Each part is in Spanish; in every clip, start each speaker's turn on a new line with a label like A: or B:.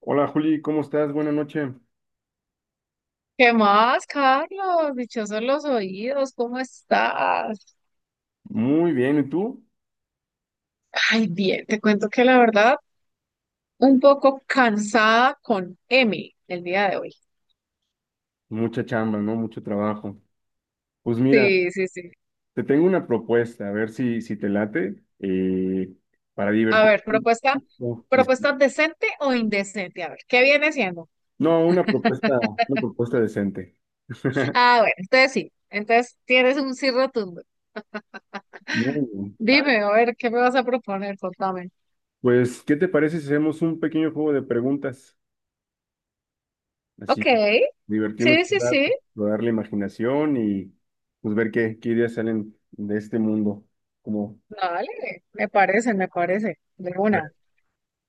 A: Hola Juli, ¿cómo estás? Buenas noches.
B: ¿Qué más, Carlos? Dichosos los oídos, ¿cómo estás?
A: Muy bien, ¿y tú?
B: Ay, bien, te cuento que la verdad, un poco cansada con M el día de hoy.
A: Mucha chamba, ¿no? Mucho trabajo. Pues mira,
B: Sí, sí, sí.
A: te tengo una propuesta, a ver si te late, para
B: A
A: divertir.
B: ver, propuesta,
A: No, y-
B: propuesta decente o indecente. A ver, ¿qué viene siendo?
A: no, una propuesta decente.
B: Ah, bueno, entonces sí, entonces tienes un sí rotundo.
A: Muy bien. A ver,
B: Dime, a ver, ¿qué me vas a proponer? Contame.
A: pues, ¿qué te parece si hacemos un pequeño juego de preguntas?
B: Ok,
A: Así, divertirnos
B: sí,
A: un
B: sí, sí.
A: rato, rodar la imaginación y pues ver qué ideas salen de este mundo. Como
B: Dale, me parece, me parece. De una.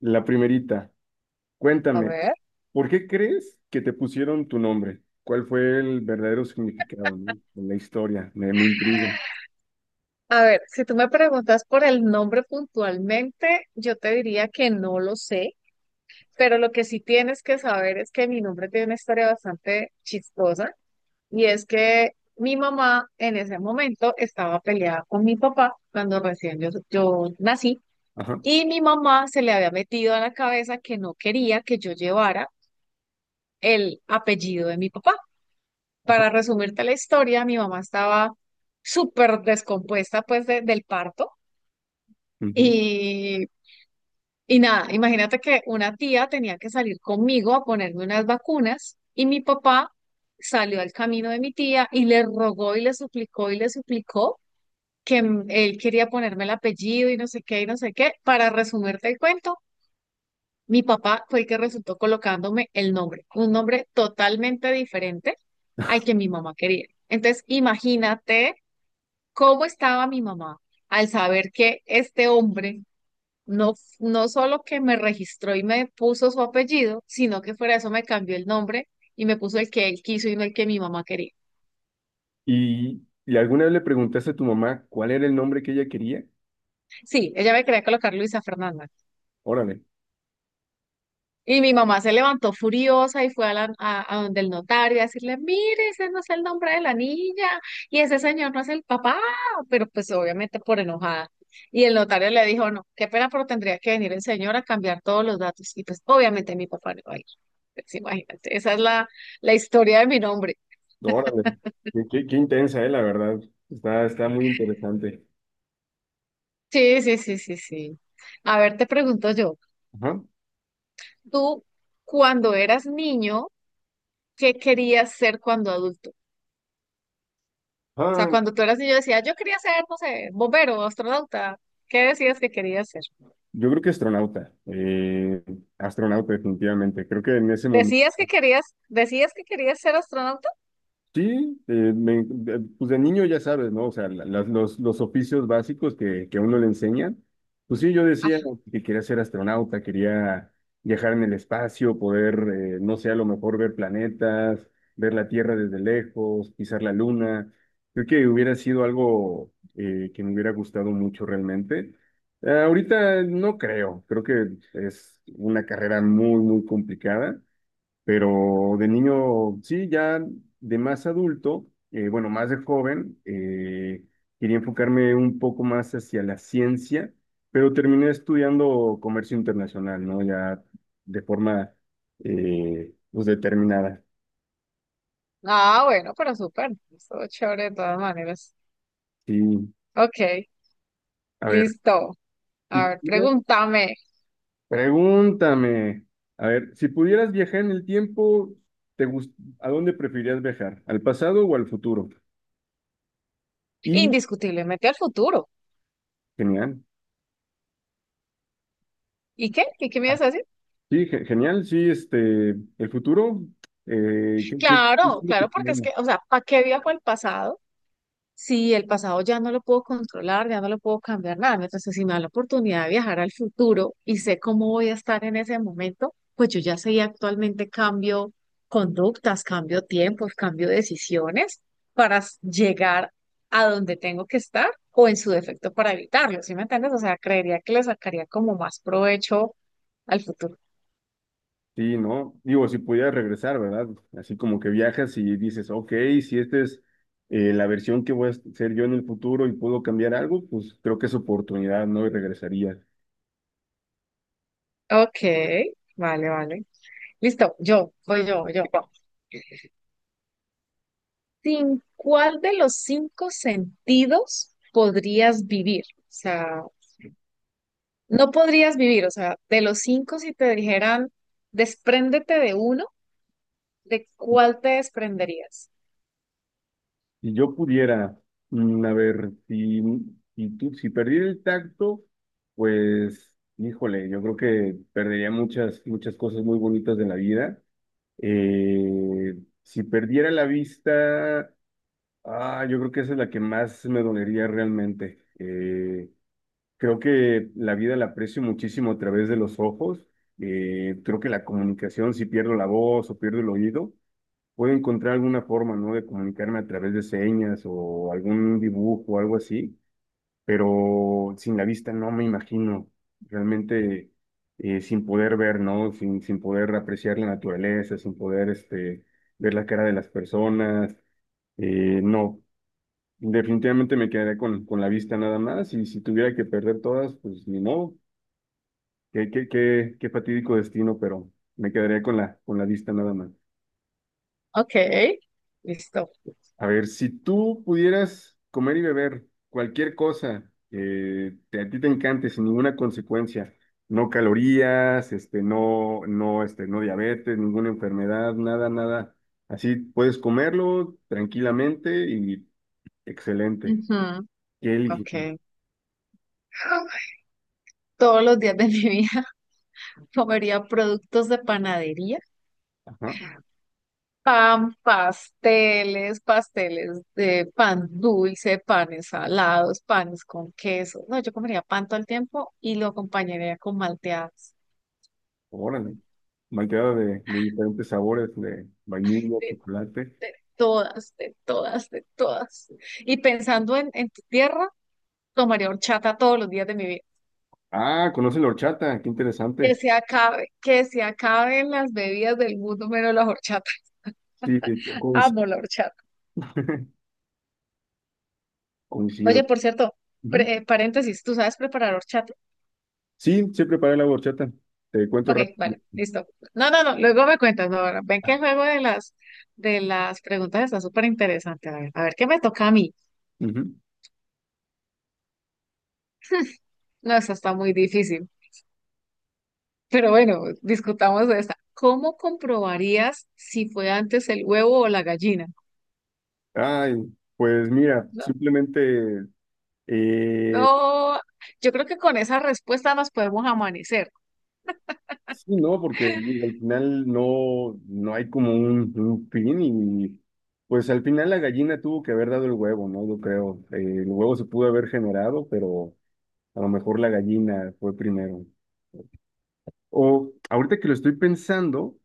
A: la primerita.
B: A
A: Cuéntame,
B: ver.
A: ¿por qué crees que te pusieron tu nombre? ¿Cuál fue el verdadero significado, no? En la historia, me intriga.
B: A ver, si tú me preguntas por el nombre puntualmente, yo te diría que no lo sé, pero lo que sí tienes que saber es que mi nombre tiene una historia bastante chistosa y es que mi mamá en ese momento estaba peleada con mi papá cuando recién yo nací
A: Ajá,
B: y mi mamá se le había metido a la cabeza que no quería que yo llevara el apellido de mi papá.
A: ajá.
B: Para resumirte la historia, mi mamá estaba súper descompuesta pues del parto.
A: Ujú.
B: Y Y nada, imagínate que una tía tenía que salir conmigo a ponerme unas vacunas y mi papá salió al camino de mi tía y le rogó y le suplicó que él quería ponerme el apellido y no sé qué y no sé qué. Para resumirte el cuento, mi papá fue el que resultó colocándome el nombre, un nombre totalmente diferente al que mi mamá quería. Entonces, imagínate cómo estaba mi mamá al saber que este hombre no, no solo que me registró y me puso su apellido, sino que fuera de eso me cambió el nombre y me puso el que él quiso y no el que mi mamá quería.
A: Y alguna vez le preguntaste a tu mamá cuál era el nombre que ella quería?
B: Sí, ella me quería colocar Luisa Fernanda.
A: Órale,
B: Y mi mamá se levantó furiosa y fue a donde el notario a decirle, mire, ese no es el nombre de la niña y ese señor no es el papá, pero pues obviamente por enojada. Y el notario le dijo, no, qué pena, pero tendría que venir el señor a cambiar todos los datos. Y pues obviamente mi papá no va a ir. Pues imagínate, esa es la historia de mi nombre.
A: órale. Qué intensa, la verdad. Está, está muy interesante.
B: Sí, sí, sí, sí, sí. A ver, te pregunto yo,
A: Ajá.
B: tú cuando eras niño, ¿qué querías ser cuando adulto? O sea,
A: Ah,
B: cuando tú eras niño decías, yo quería ser, no sé, bombero, astronauta. ¿Qué decías que querías ser?
A: yo creo que astronauta. Astronauta, definitivamente. Creo que en ese momento.
B: ¿Decías que querías ser astronauta?
A: Sí, pues de niño ya sabes, ¿no? O sea, los oficios básicos que a uno le enseñan. Pues sí, yo decía
B: Ajá.
A: que quería ser astronauta, quería viajar en el espacio, poder, no sé, a lo mejor ver planetas, ver la Tierra desde lejos, pisar la Luna. Creo que hubiera sido algo que me hubiera gustado mucho realmente. Ahorita no creo, creo que es una carrera muy, muy complicada. Pero de niño, sí, ya de más adulto, bueno, más de joven, quería enfocarme un poco más hacia la ciencia, pero terminé estudiando comercio internacional, ¿no? Ya de forma, pues determinada.
B: Ah, bueno, pero súper. Estuvo chévere de todas maneras.
A: Sí,
B: Ok,
A: a ver,
B: listo.
A: si
B: A ver,
A: pudieras-
B: pregúntame.
A: pregúntame, a ver, si pudieras viajar en el tiempo, te gust- ¿a dónde preferirías viajar? ¿Al pasado o al futuro? Y,
B: Indiscutiblemente al futuro.
A: genial.
B: ¿Y qué? ¿Y qué me ibas a decir?
A: Sí, genial, sí, este, el futuro, ¿qué es
B: Claro,
A: lo que
B: claro, porque es
A: tenemos?
B: que, o sea, ¿para qué viajo al pasado? Sí, el pasado ya no lo puedo controlar, ya no lo puedo cambiar nada. Mientras que si me da la oportunidad de viajar al futuro y sé cómo voy a estar en ese momento, pues yo ya sé y actualmente cambio conductas, cambio tiempos, cambio decisiones para llegar a donde tengo que estar o en su defecto para evitarlo, ¿sí me entiendes? O sea, creería que le sacaría como más provecho al futuro.
A: Sí, ¿no? Digo, si pudiera regresar, ¿verdad? Así como que viajas y dices, ok, si esta es la versión que voy a ser yo en el futuro y puedo cambiar algo, pues creo que es oportunidad, ¿no? Y regresaría.
B: Ok, vale, vale. Listo, voy yo. ¿Sin cuál de los cinco sentidos podrías vivir? O sea, no podrías vivir, o sea, de los cinco si te dijeran, despréndete de uno, ¿de cuál te desprenderías?
A: Si yo pudiera, mm, a ver, si perdiera el tacto, pues, híjole, yo creo que perdería muchas, muchas cosas muy bonitas de la vida. Eh, si perdiera la vista, ah, yo creo que esa es la que más me dolería realmente. Creo que la vida la aprecio muchísimo a través de los ojos. Creo que la comunicación, si pierdo la voz o pierdo el oído, puedo encontrar alguna forma, ¿no? De comunicarme a través de señas o algún dibujo o algo así, pero sin la vista no me imagino, realmente, sin poder ver, ¿no? Sin poder apreciar la naturaleza, sin poder ver la cara de las personas, no, definitivamente me quedaré con la vista nada más, y si tuviera que perder todas, pues ni modo, qué fatídico destino, pero me quedaría con la vista nada más.
B: Ok, listo.
A: A ver, si tú pudieras comer y beber cualquier cosa a ti te encante sin ninguna consecuencia, no calorías, no diabetes, ninguna enfermedad, nada, nada, así puedes comerlo tranquilamente y excelente.
B: Ujú,
A: ¿Qué eliges?
B: ok. Todos los días de mi vida comería productos de panadería.
A: Ajá,
B: Pan, pasteles, pasteles de pan dulce, panes salados, panes con queso. No, yo comería pan todo el tiempo y lo acompañaría con malteadas.
A: órale. Malteada de diferentes sabores, de vainilla,
B: De,
A: chocolate.
B: de todas, de todas, de todas. Y pensando en tu tierra, tomaría horchata todos los días de mi vida.
A: Ah, conoce la horchata, qué
B: Que
A: interesante.
B: se acabe, que se acaben las bebidas del mundo menos la horchata.
A: Sí, coincido.
B: Amo la horchata. Oye,
A: Coincido.
B: por cierto, paréntesis, ¿tú sabes preparar horchata?
A: Sí, sí preparé la horchata. Te cuento
B: Ok,
A: rápido.
B: vale, listo. No, no, no, luego me cuentas, no, ahora, ven que el juego de de las preguntas está súper interesante. A ver, ¿qué me toca a mí?
A: Ujú.
B: No, esta está muy difícil, pero bueno, discutamos de esta. ¿Cómo comprobarías si fue antes el huevo o la gallina?
A: Ay, pues mira,
B: No,
A: simplemente eh,
B: no, yo creo que con esa respuesta nos podemos amanecer.
A: sí, ¿no? Porque digo, al final no, no hay como un fin, y pues al final la gallina tuvo que haber dado el huevo, ¿no? Yo creo. El huevo se pudo haber generado, pero a lo mejor la gallina fue primero. O ahorita que lo estoy pensando,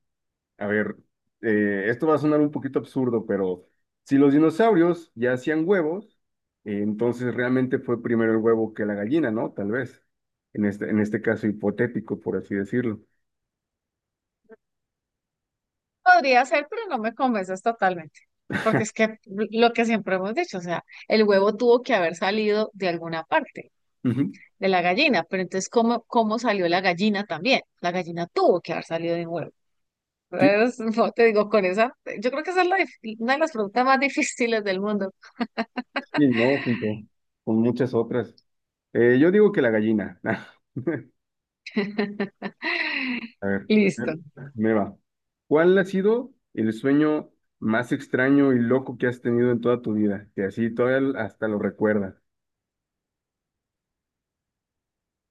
A: a ver, esto va a sonar un poquito absurdo, pero si los dinosaurios ya hacían huevos, entonces realmente fue primero el huevo que la gallina, ¿no? Tal vez. En este caso hipotético, por así decirlo.
B: Podría ser, pero no me convences totalmente, porque es que lo que siempre hemos dicho, o sea, el huevo tuvo que haber salido de alguna parte.
A: Ujú.
B: De la gallina, pero entonces, ¿cómo, cómo salió la gallina también? La gallina tuvo que haber salido de un huevo.
A: Sí,
B: Entonces, no te digo, con esa, yo creo que esa es una de las preguntas más difíciles del mundo.
A: sí, no, junto con muchas otras. Yo digo que la gallina. A ver,
B: Listo.
A: me va. ¿Cuál ha sido el sueño más extraño y loco que has tenido en toda tu vida? Que así todavía hasta lo recuerdas.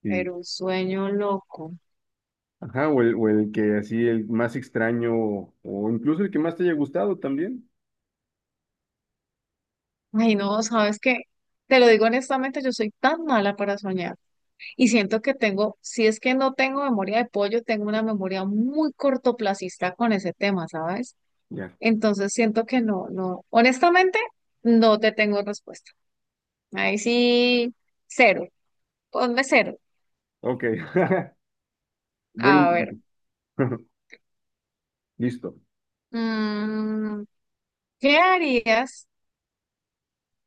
A: Y
B: Pero un sueño loco.
A: Ajá, o el que así, el más extraño, o incluso el que más te haya gustado también.
B: Ay, no, ¿sabes qué? Te lo digo honestamente, yo soy tan mala para soñar y siento que tengo, si es que no tengo memoria de pollo, tengo una memoria muy cortoplacista con ese tema, ¿sabes?
A: Ya,
B: Entonces siento que no, no, honestamente, no te tengo respuesta. Ahí sí, cero. Ponme cero.
A: ok. Buen
B: A
A: intento.
B: ver.
A: Listo.
B: mm, ¿Qué harías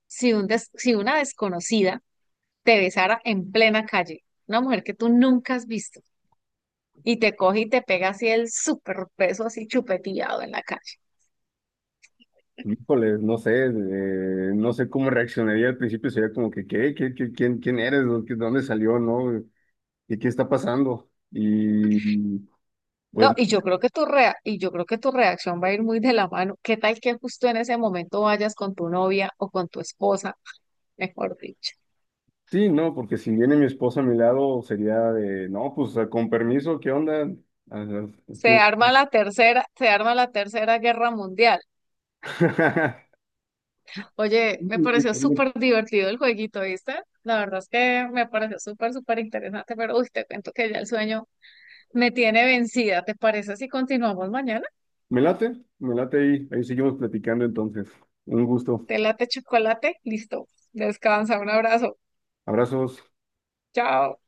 B: si una desconocida te besara en plena calle? Una mujer que tú nunca has visto y te coge y te pega así el súper beso así chupeteado en la calle.
A: Híjole, no sé, no sé cómo reaccionaría al principio, sería como que, ¿qué? ¿ quién, quién eres? ¿Dónde salió? ¿No? ¿Y qué está pasando?
B: No,
A: Pues
B: y yo creo que tu reacción va a ir muy de la mano. ¿Qué tal que justo en ese momento vayas con tu novia o con tu esposa, mejor dicho?
A: sí, no, porque si viene mi esposa a mi lado, sería de, no, pues con permiso, ¿qué onda? Ah,
B: Se arma la tercera, se arma la tercera guerra mundial. Oye, me pareció súper divertido el jueguito, ¿viste? La verdad es que me pareció súper, súper interesante, pero uy, te cuento que ya el sueño me tiene vencida. ¿Te parece si continuamos mañana?
A: Me late, me late ahí. Ahí seguimos platicando entonces. Un gusto.
B: Te late chocolate, listo. Descansa, un abrazo.
A: Abrazos.
B: Chao.